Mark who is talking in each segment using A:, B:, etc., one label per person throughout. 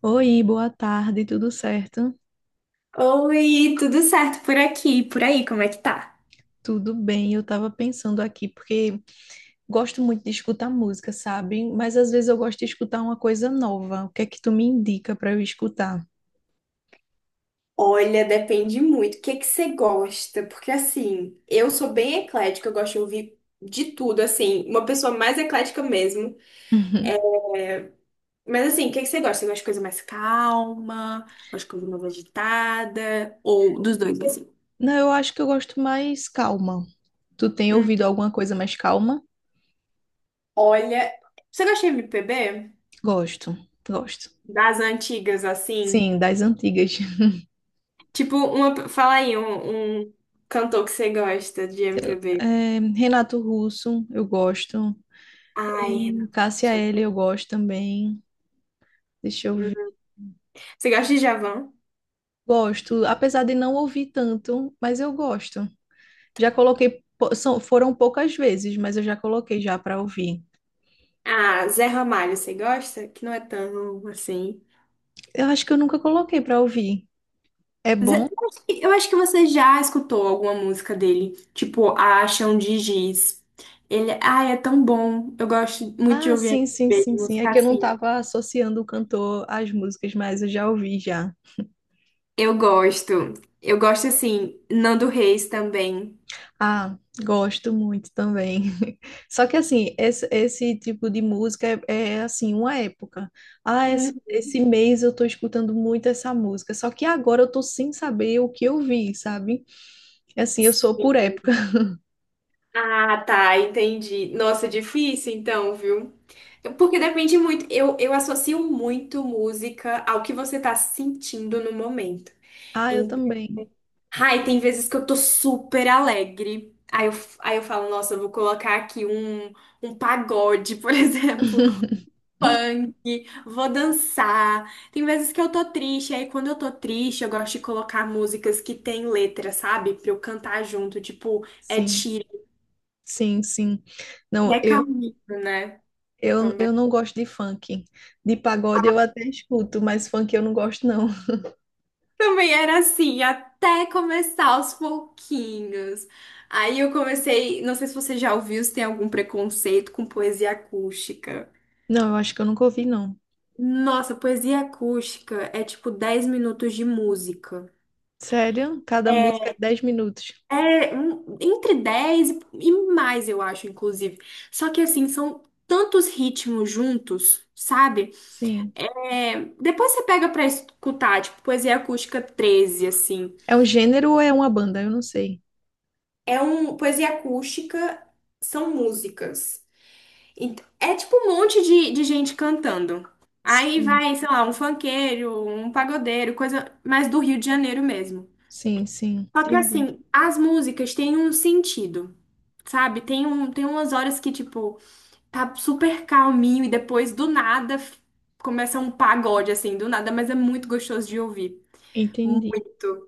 A: Oi, boa tarde, tudo certo?
B: Oi, tudo certo por aqui? Por aí, como é que tá?
A: Tudo bem, eu tava pensando aqui, porque gosto muito de escutar música, sabe? Mas às vezes eu gosto de escutar uma coisa nova. O que é que tu me indica para eu escutar?
B: Olha, depende muito. O que é que você gosta? Porque assim, eu sou bem eclética, eu gosto de ouvir de tudo, assim, uma pessoa mais eclética mesmo.
A: Uhum.
B: Mas assim, o que é que você gosta? Você gosta de coisa mais calma? Gosta de coisa mais agitada? Ou dos dois, assim?
A: Não, eu acho que eu gosto mais calma. Tu tem
B: Hum,
A: ouvido alguma coisa mais calma?
B: Olha, você gosta de MPB?
A: Gosto, gosto.
B: Das antigas, assim?
A: Sim, das antigas.
B: Tipo, fala aí um cantor que você gosta de MPB.
A: É, Renato Russo, eu gosto. É,
B: Ai, Renato.
A: Cássia
B: Russo. É
A: Eller,
B: bom.
A: eu gosto também. Deixa eu ver.
B: Você gosta de Djavan?
A: Gosto, apesar de não ouvir tanto, mas eu gosto. Já coloquei, são, foram poucas vezes, mas eu já coloquei já para ouvir.
B: Ah, Zé Ramalho, você gosta? Que não é tão assim.
A: Eu acho que eu nunca coloquei para ouvir. É bom?
B: Eu acho que você já escutou alguma música dele, tipo A Chão de Giz. Ele, ai, é tão bom. Eu gosto muito de
A: Ah,
B: ouvir
A: sim, sim,
B: MPB, de
A: sim, sim. É
B: música
A: que eu não
B: assim.
A: estava associando o cantor às músicas, mas eu já ouvi já.
B: Eu gosto. Eu gosto assim, Nando Reis também.
A: Ah, gosto muito também. Só que assim, esse tipo de música é, assim, uma época. Ah, esse,
B: Hum.
A: esse mês eu tô escutando muito essa música. Só que agora eu tô sem saber o que eu vi, sabe? É. Assim, eu sou por época.
B: Ah, tá, entendi. Nossa, é difícil então, viu? Porque depende muito. Eu associo muito música ao que você tá sentindo no momento.
A: Ah, eu também.
B: Ai, tem vezes que eu tô super alegre. Aí eu falo, nossa, eu vou colocar aqui um pagode, por exemplo, funk, vou dançar. Tem vezes que eu tô triste, aí quando eu tô triste, eu gosto de colocar músicas que tem letra, sabe? Pra eu cantar junto, tipo, é
A: Sim.
B: Sheeran
A: Sim, sim.
B: e
A: Não,
B: é
A: eu,
B: Camilo, né?
A: eu,
B: Também.
A: eu não gosto de funk. De pagode eu até escuto, mas funk eu não gosto, não.
B: Também era assim, até começar aos pouquinhos. Aí eu comecei, não sei se você já ouviu, se tem algum preconceito com poesia acústica.
A: Não, eu acho que eu nunca ouvi, não.
B: Nossa, poesia acústica é tipo 10 minutos de música.
A: Sério? Cada música é
B: É,
A: 10 minutos.
B: é entre 10 e mais, eu acho, inclusive. Só que assim, são tantos ritmos juntos, sabe?
A: Sim.
B: É, depois você pega pra escutar, tipo, poesia acústica 13 assim.
A: É um gênero ou é uma banda? Eu não sei.
B: É um. Poesia acústica são músicas. É tipo um monte de gente cantando. Aí
A: Sim,
B: vai, sei lá, um funkeiro, um pagodeiro, coisa mais do Rio de Janeiro mesmo.
A: sim, sim.
B: Só que
A: Entendi.
B: assim, as músicas têm um sentido, sabe? Tem um, tem umas horas que, tipo, tá super calminho e depois do nada começa um pagode, assim, do nada, mas é muito gostoso de ouvir.
A: Entendi.
B: Muito.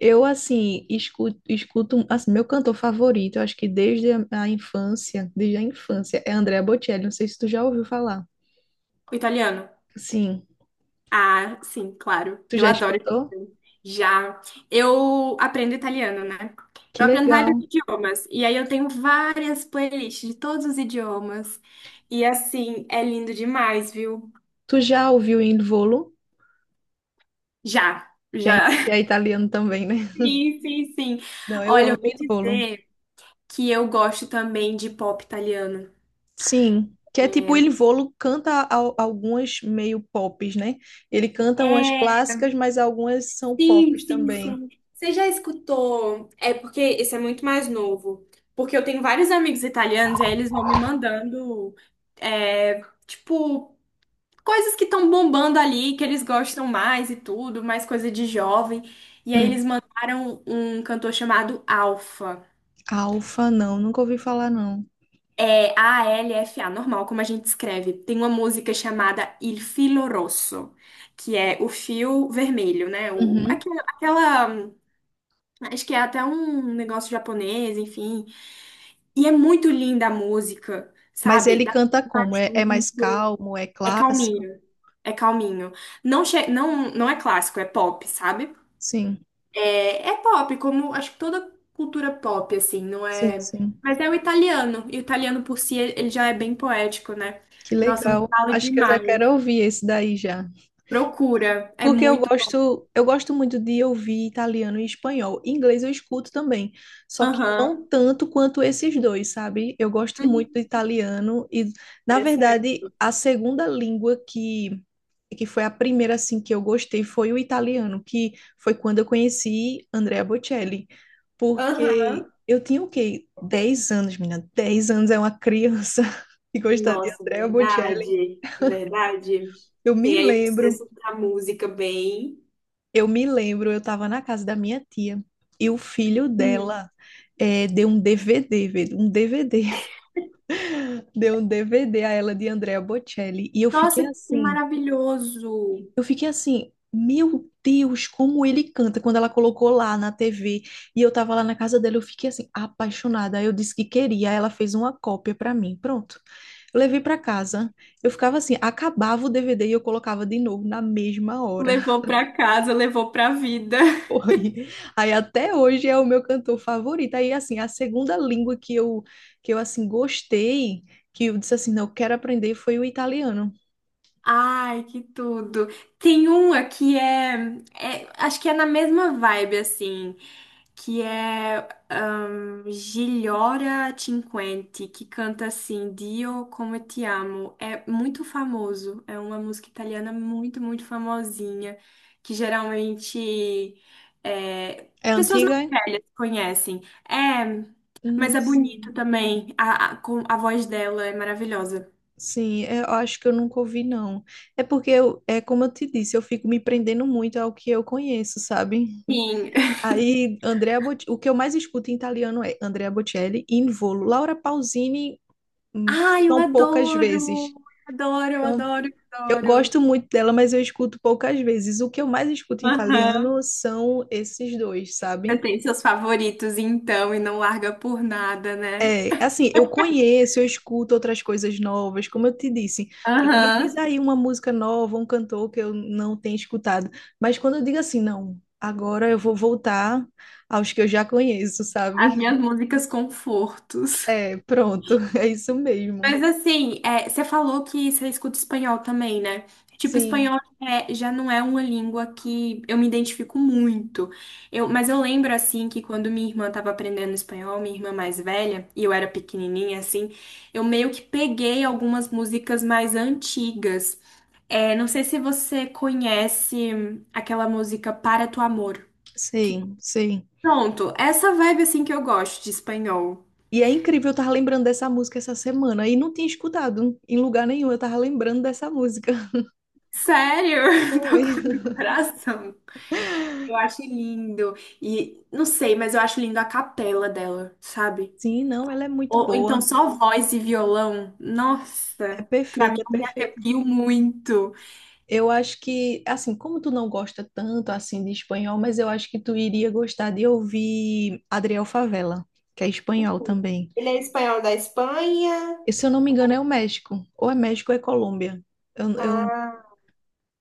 A: Eu, assim, escuto, assim, meu cantor favorito, eu acho que desde a infância, desde a infância, é Andrea Bocelli. Não sei se tu já ouviu falar.
B: O italiano?
A: Sim.
B: Ah, sim, claro.
A: Tu
B: Eu
A: já
B: adoro
A: escutou?
B: italiano. Já. Eu aprendo italiano, né?
A: Que
B: Eu aprendo vários
A: legal.
B: idiomas. E aí eu tenho várias playlists de todos os idiomas. E assim, é lindo demais, viu?
A: Tu já ouviu Il Volo,
B: Já.
A: que é,
B: Já.
A: que é italiano também, né?
B: Sim, sim, sim.
A: Não, eu
B: Olha, eu
A: amo
B: vou
A: Il Volo.
B: dizer que eu gosto também de pop italiano.
A: Sim, que é tipo Il Volo canta algumas meio pops, né? Ele canta umas
B: É,
A: clássicas, mas algumas são
B: sim,
A: pops
B: sim,
A: também.
B: sim. Você já escutou? É porque esse é muito mais novo. Porque eu tenho vários amigos italianos e aí eles vão me mandando, é, tipo, coisas que estão bombando ali, que eles gostam mais e tudo, mais coisa de jovem. E aí
A: Hum.
B: eles mandaram um cantor chamado Alfa.
A: Alfa, não, nunca ouvi falar não.
B: É Alfa, normal, como a gente escreve. Tem uma música chamada Il Filo Rosso, que é o fio vermelho, né? O,
A: Uhum.
B: aquela, acho que é até um negócio japonês, enfim. E é muito linda a música,
A: Mas
B: sabe?
A: ele canta como? É
B: Um,
A: mais calmo, é
B: É
A: clássico?
B: calminho. É calminho. Não, não, não é clássico, é pop, sabe?
A: Sim,
B: É, é pop, como acho que toda cultura pop, assim, não
A: sim,
B: é.
A: sim.
B: Mas é o italiano. E o italiano por si, ele já é bem poético, né?
A: Que
B: Nossa, eu me
A: legal.
B: falo
A: Acho que eu já
B: demais.
A: quero ouvir esse daí já.
B: Procura. É
A: Porque eu
B: muito bom.
A: gosto, eu gosto muito de ouvir italiano e espanhol. Inglês eu escuto também, só que não
B: Aham.
A: tanto quanto esses dois, sabe? Eu gosto muito do
B: Uhum.
A: italiano e, na
B: Interessante.
A: verdade, a segunda língua que foi a primeira assim que eu gostei foi o italiano, que foi quando eu conheci Andrea Bocelli, porque
B: Aham.
A: eu tinha o quê? 10 anos, menina. 10 anos é uma criança e gostar de
B: Nossa,
A: Andrea Bocelli.
B: verdade, verdade.
A: Eu me
B: Tem aí um
A: lembro
B: senso da música bem.
A: Eu me lembro, eu estava na casa da minha tia e o filho
B: Hum.
A: dela deu um DVD, velho, um DVD, deu um DVD a ela de Andrea Bocelli e eu fiquei
B: Nossa, que
A: assim,
B: maravilhoso.
A: eu fiquei assim, meu Deus, como ele canta quando ela colocou lá na TV e eu tava lá na casa dela, eu fiquei assim apaixonada. Aí eu disse que queria, aí ela fez uma cópia para mim, pronto. Eu levei para casa, eu ficava assim, acabava o DVD e eu colocava de novo na mesma hora.
B: Levou pra casa, levou pra vida.
A: Foi. Aí até hoje é o meu cantor favorito. Aí assim, a segunda língua que eu assim gostei, que eu disse assim, não, eu quero aprender foi o italiano.
B: Ai, que tudo. Tem uma que acho que é na mesma vibe, assim, que é Gigliora Cinquenti, que canta assim, Dio come te amo. É muito famoso, é uma música italiana muito, muito famosinha, que geralmente é,
A: É
B: pessoas
A: antiga?
B: mais
A: É?
B: velhas conhecem. É, mas
A: Não
B: é bonito
A: sei.
B: também, a voz dela é maravilhosa.
A: Sim, é, eu acho que eu nunca ouvi não. É porque eu, é como eu te disse, eu fico me prendendo muito ao que eu conheço, sabe?
B: Sim.
A: Aí o que eu mais escuto em italiano é Andrea Bocelli, Involo, Laura Pausini, hum,
B: Ai, eu
A: são poucas vezes.
B: adoro! Adoro, eu
A: São
B: adoro, eu
A: Eu
B: adoro.
A: gosto muito dela, mas eu escuto poucas vezes. O que eu mais escuto em italiano
B: Aham.
A: são esses dois,
B: Você
A: sabem?
B: tem seus favoritos, então, e não larga por nada, né?
A: É, assim, eu conheço, eu escuto outras coisas novas, como eu te disse. É, me diz
B: Aham.
A: aí uma música nova, um cantor que eu não tenho escutado. Mas quando eu digo assim, não, agora eu vou voltar aos que eu já conheço,
B: As
A: sabe?
B: minhas músicas confortos.
A: É, pronto, é isso mesmo.
B: Mas assim, é, você falou que você escuta espanhol também, né? Tipo,
A: Sim,
B: espanhol é, já não é uma língua que eu me identifico muito. Eu, mas eu lembro, assim, que quando minha irmã estava aprendendo espanhol, minha irmã mais velha, e eu era pequenininha, assim, eu meio que peguei algumas músicas mais antigas. É, não sei se você conhece aquela música Para Tu Amor. que-
A: sim, sim.
B: Pronto, essa vibe, assim, que eu gosto de espanhol.
A: E é incrível, eu tava lembrando dessa música essa semana e não tinha escutado em lugar nenhum, eu tava lembrando dessa música.
B: Sério? Tô
A: Foi.
B: com o coração. Eu acho lindo. E não sei, mas eu acho lindo a capela dela, sabe?
A: Sim, não, ela é muito
B: Ou então
A: boa.
B: só voz e violão.
A: É
B: Nossa, pra mim
A: perfeita, é
B: eu me
A: perfeita.
B: arrepio muito.
A: Eu acho que, assim, como tu não gosta tanto assim de espanhol, mas eu acho que tu iria gostar de ouvir Adriel Favela, que é espanhol também.
B: Ele é espanhol da Espanha.
A: E, se eu não me engano, é o México ou é Colômbia. Eu, eu...
B: Ah,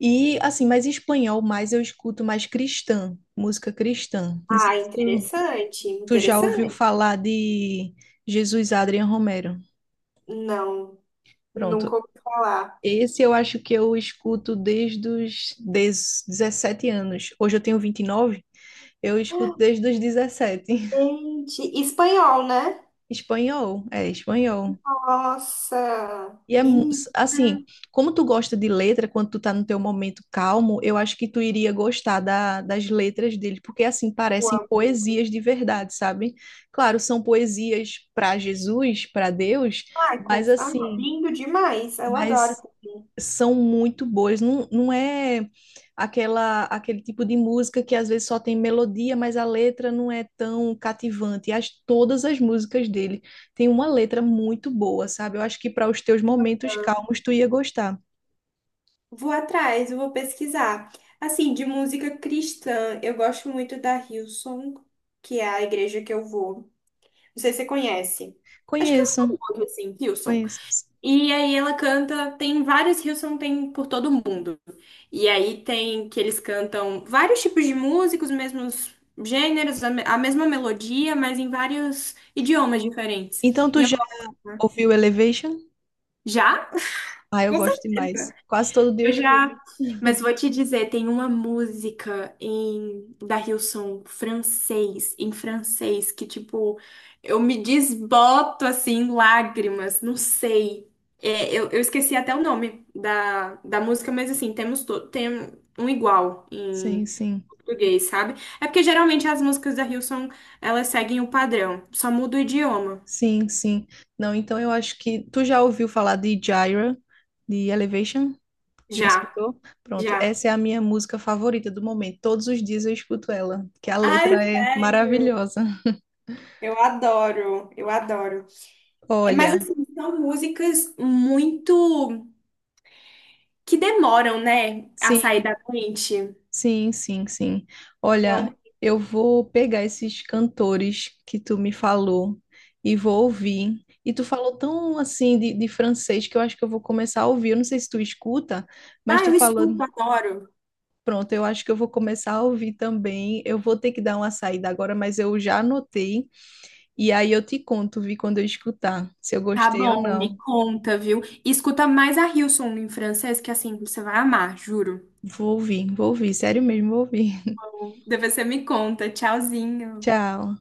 A: E assim, mas espanhol mais eu escuto mais cristã, música cristã. Não sei
B: ah,
A: se tu.
B: interessante,
A: Tu já ouviu
B: interessante.
A: falar de Jesus Adriano Romero?
B: Não, nunca
A: Pronto.
B: ouvi falar.
A: Esse eu acho que eu escuto desde os dezessete anos. Hoje eu tenho 29. Eu escuto desde os 17.
B: Gente, espanhol, né?
A: Espanhol, é espanhol.
B: Nossa,
A: E é
B: menina,
A: assim, como tu gosta de letra, quando tu tá no teu momento calmo, eu acho que tu iria gostar das letras dele, porque assim
B: eu
A: parecem
B: amo.
A: poesias de verdade, sabe? Claro, são poesias para Jesus, para Deus,
B: Michael,
A: mas
B: ah,
A: assim,
B: lindo demais, eu adoro.
A: mas são muito boas. Não, não é aquela aquele tipo de música que às vezes só tem melodia, mas a letra não é tão cativante. Todas as músicas dele têm uma letra muito boa, sabe? Eu acho que para os teus momentos calmos tu ia gostar.
B: Vou atrás, eu vou pesquisar. Assim, de música cristã, eu gosto muito da Hillsong, que é a igreja que eu vou. Não sei se você conhece. Acho que eu falo
A: Conheço,
B: muito assim, Hillsong.
A: conheço.
B: E aí ela canta, tem vários Hillsong, tem por todo mundo. E aí tem que eles cantam vários tipos de músicos, mesmos gêneros, a mesma melodia, mas em vários idiomas diferentes.
A: Então
B: E
A: tu
B: eu
A: já ouviu Elevation?
B: já?
A: Ah, eu
B: Com
A: gosto demais.
B: certeza.
A: Quase todo dia eu
B: Eu já,
A: escuto.
B: mas vou te dizer, tem uma música em da Hillsong francês, em francês, que tipo, eu me desboto assim, em lágrimas, não sei. É, eu esqueci até o nome da música, mas assim, tem um igual em
A: Sim, sim.
B: português, sabe? É porque geralmente as músicas da Hillsong, elas seguem o padrão, só muda o idioma.
A: Sim, sim. Não, então eu acho que tu já ouviu falar de Gyra, de Elevation? Já
B: Já,
A: escutou? Pronto,
B: já.
A: essa é a minha música favorita do momento. Todos os dias eu escuto ela, que a
B: Ai,
A: letra é
B: sério?
A: maravilhosa.
B: Eu adoro, eu adoro. É, mas
A: Olha,
B: assim, são músicas muito que demoram, né, a sair
A: sim,
B: da mente.
A: sim, sim, sim. Olha,
B: Então,
A: eu vou pegar esses cantores que tu me falou e vou ouvir. E tu falou tão assim de francês que eu acho que eu vou começar a ouvir. Eu não sei se tu escuta, mas
B: ah,
A: tu
B: eu
A: falou.
B: escuto, adoro.
A: Pronto, eu acho que eu vou começar a ouvir também. Eu vou ter que dar uma saída agora, mas eu já anotei. E aí eu te conto, vi quando eu escutar, se eu
B: Tá
A: gostei ou
B: bom, me
A: não.
B: conta, viu? E escuta mais a Hillsong em francês, que assim, você vai amar, juro.
A: Vou ouvir, sério mesmo, vou ouvir.
B: Depois você me conta. Tchauzinho.
A: Tchau.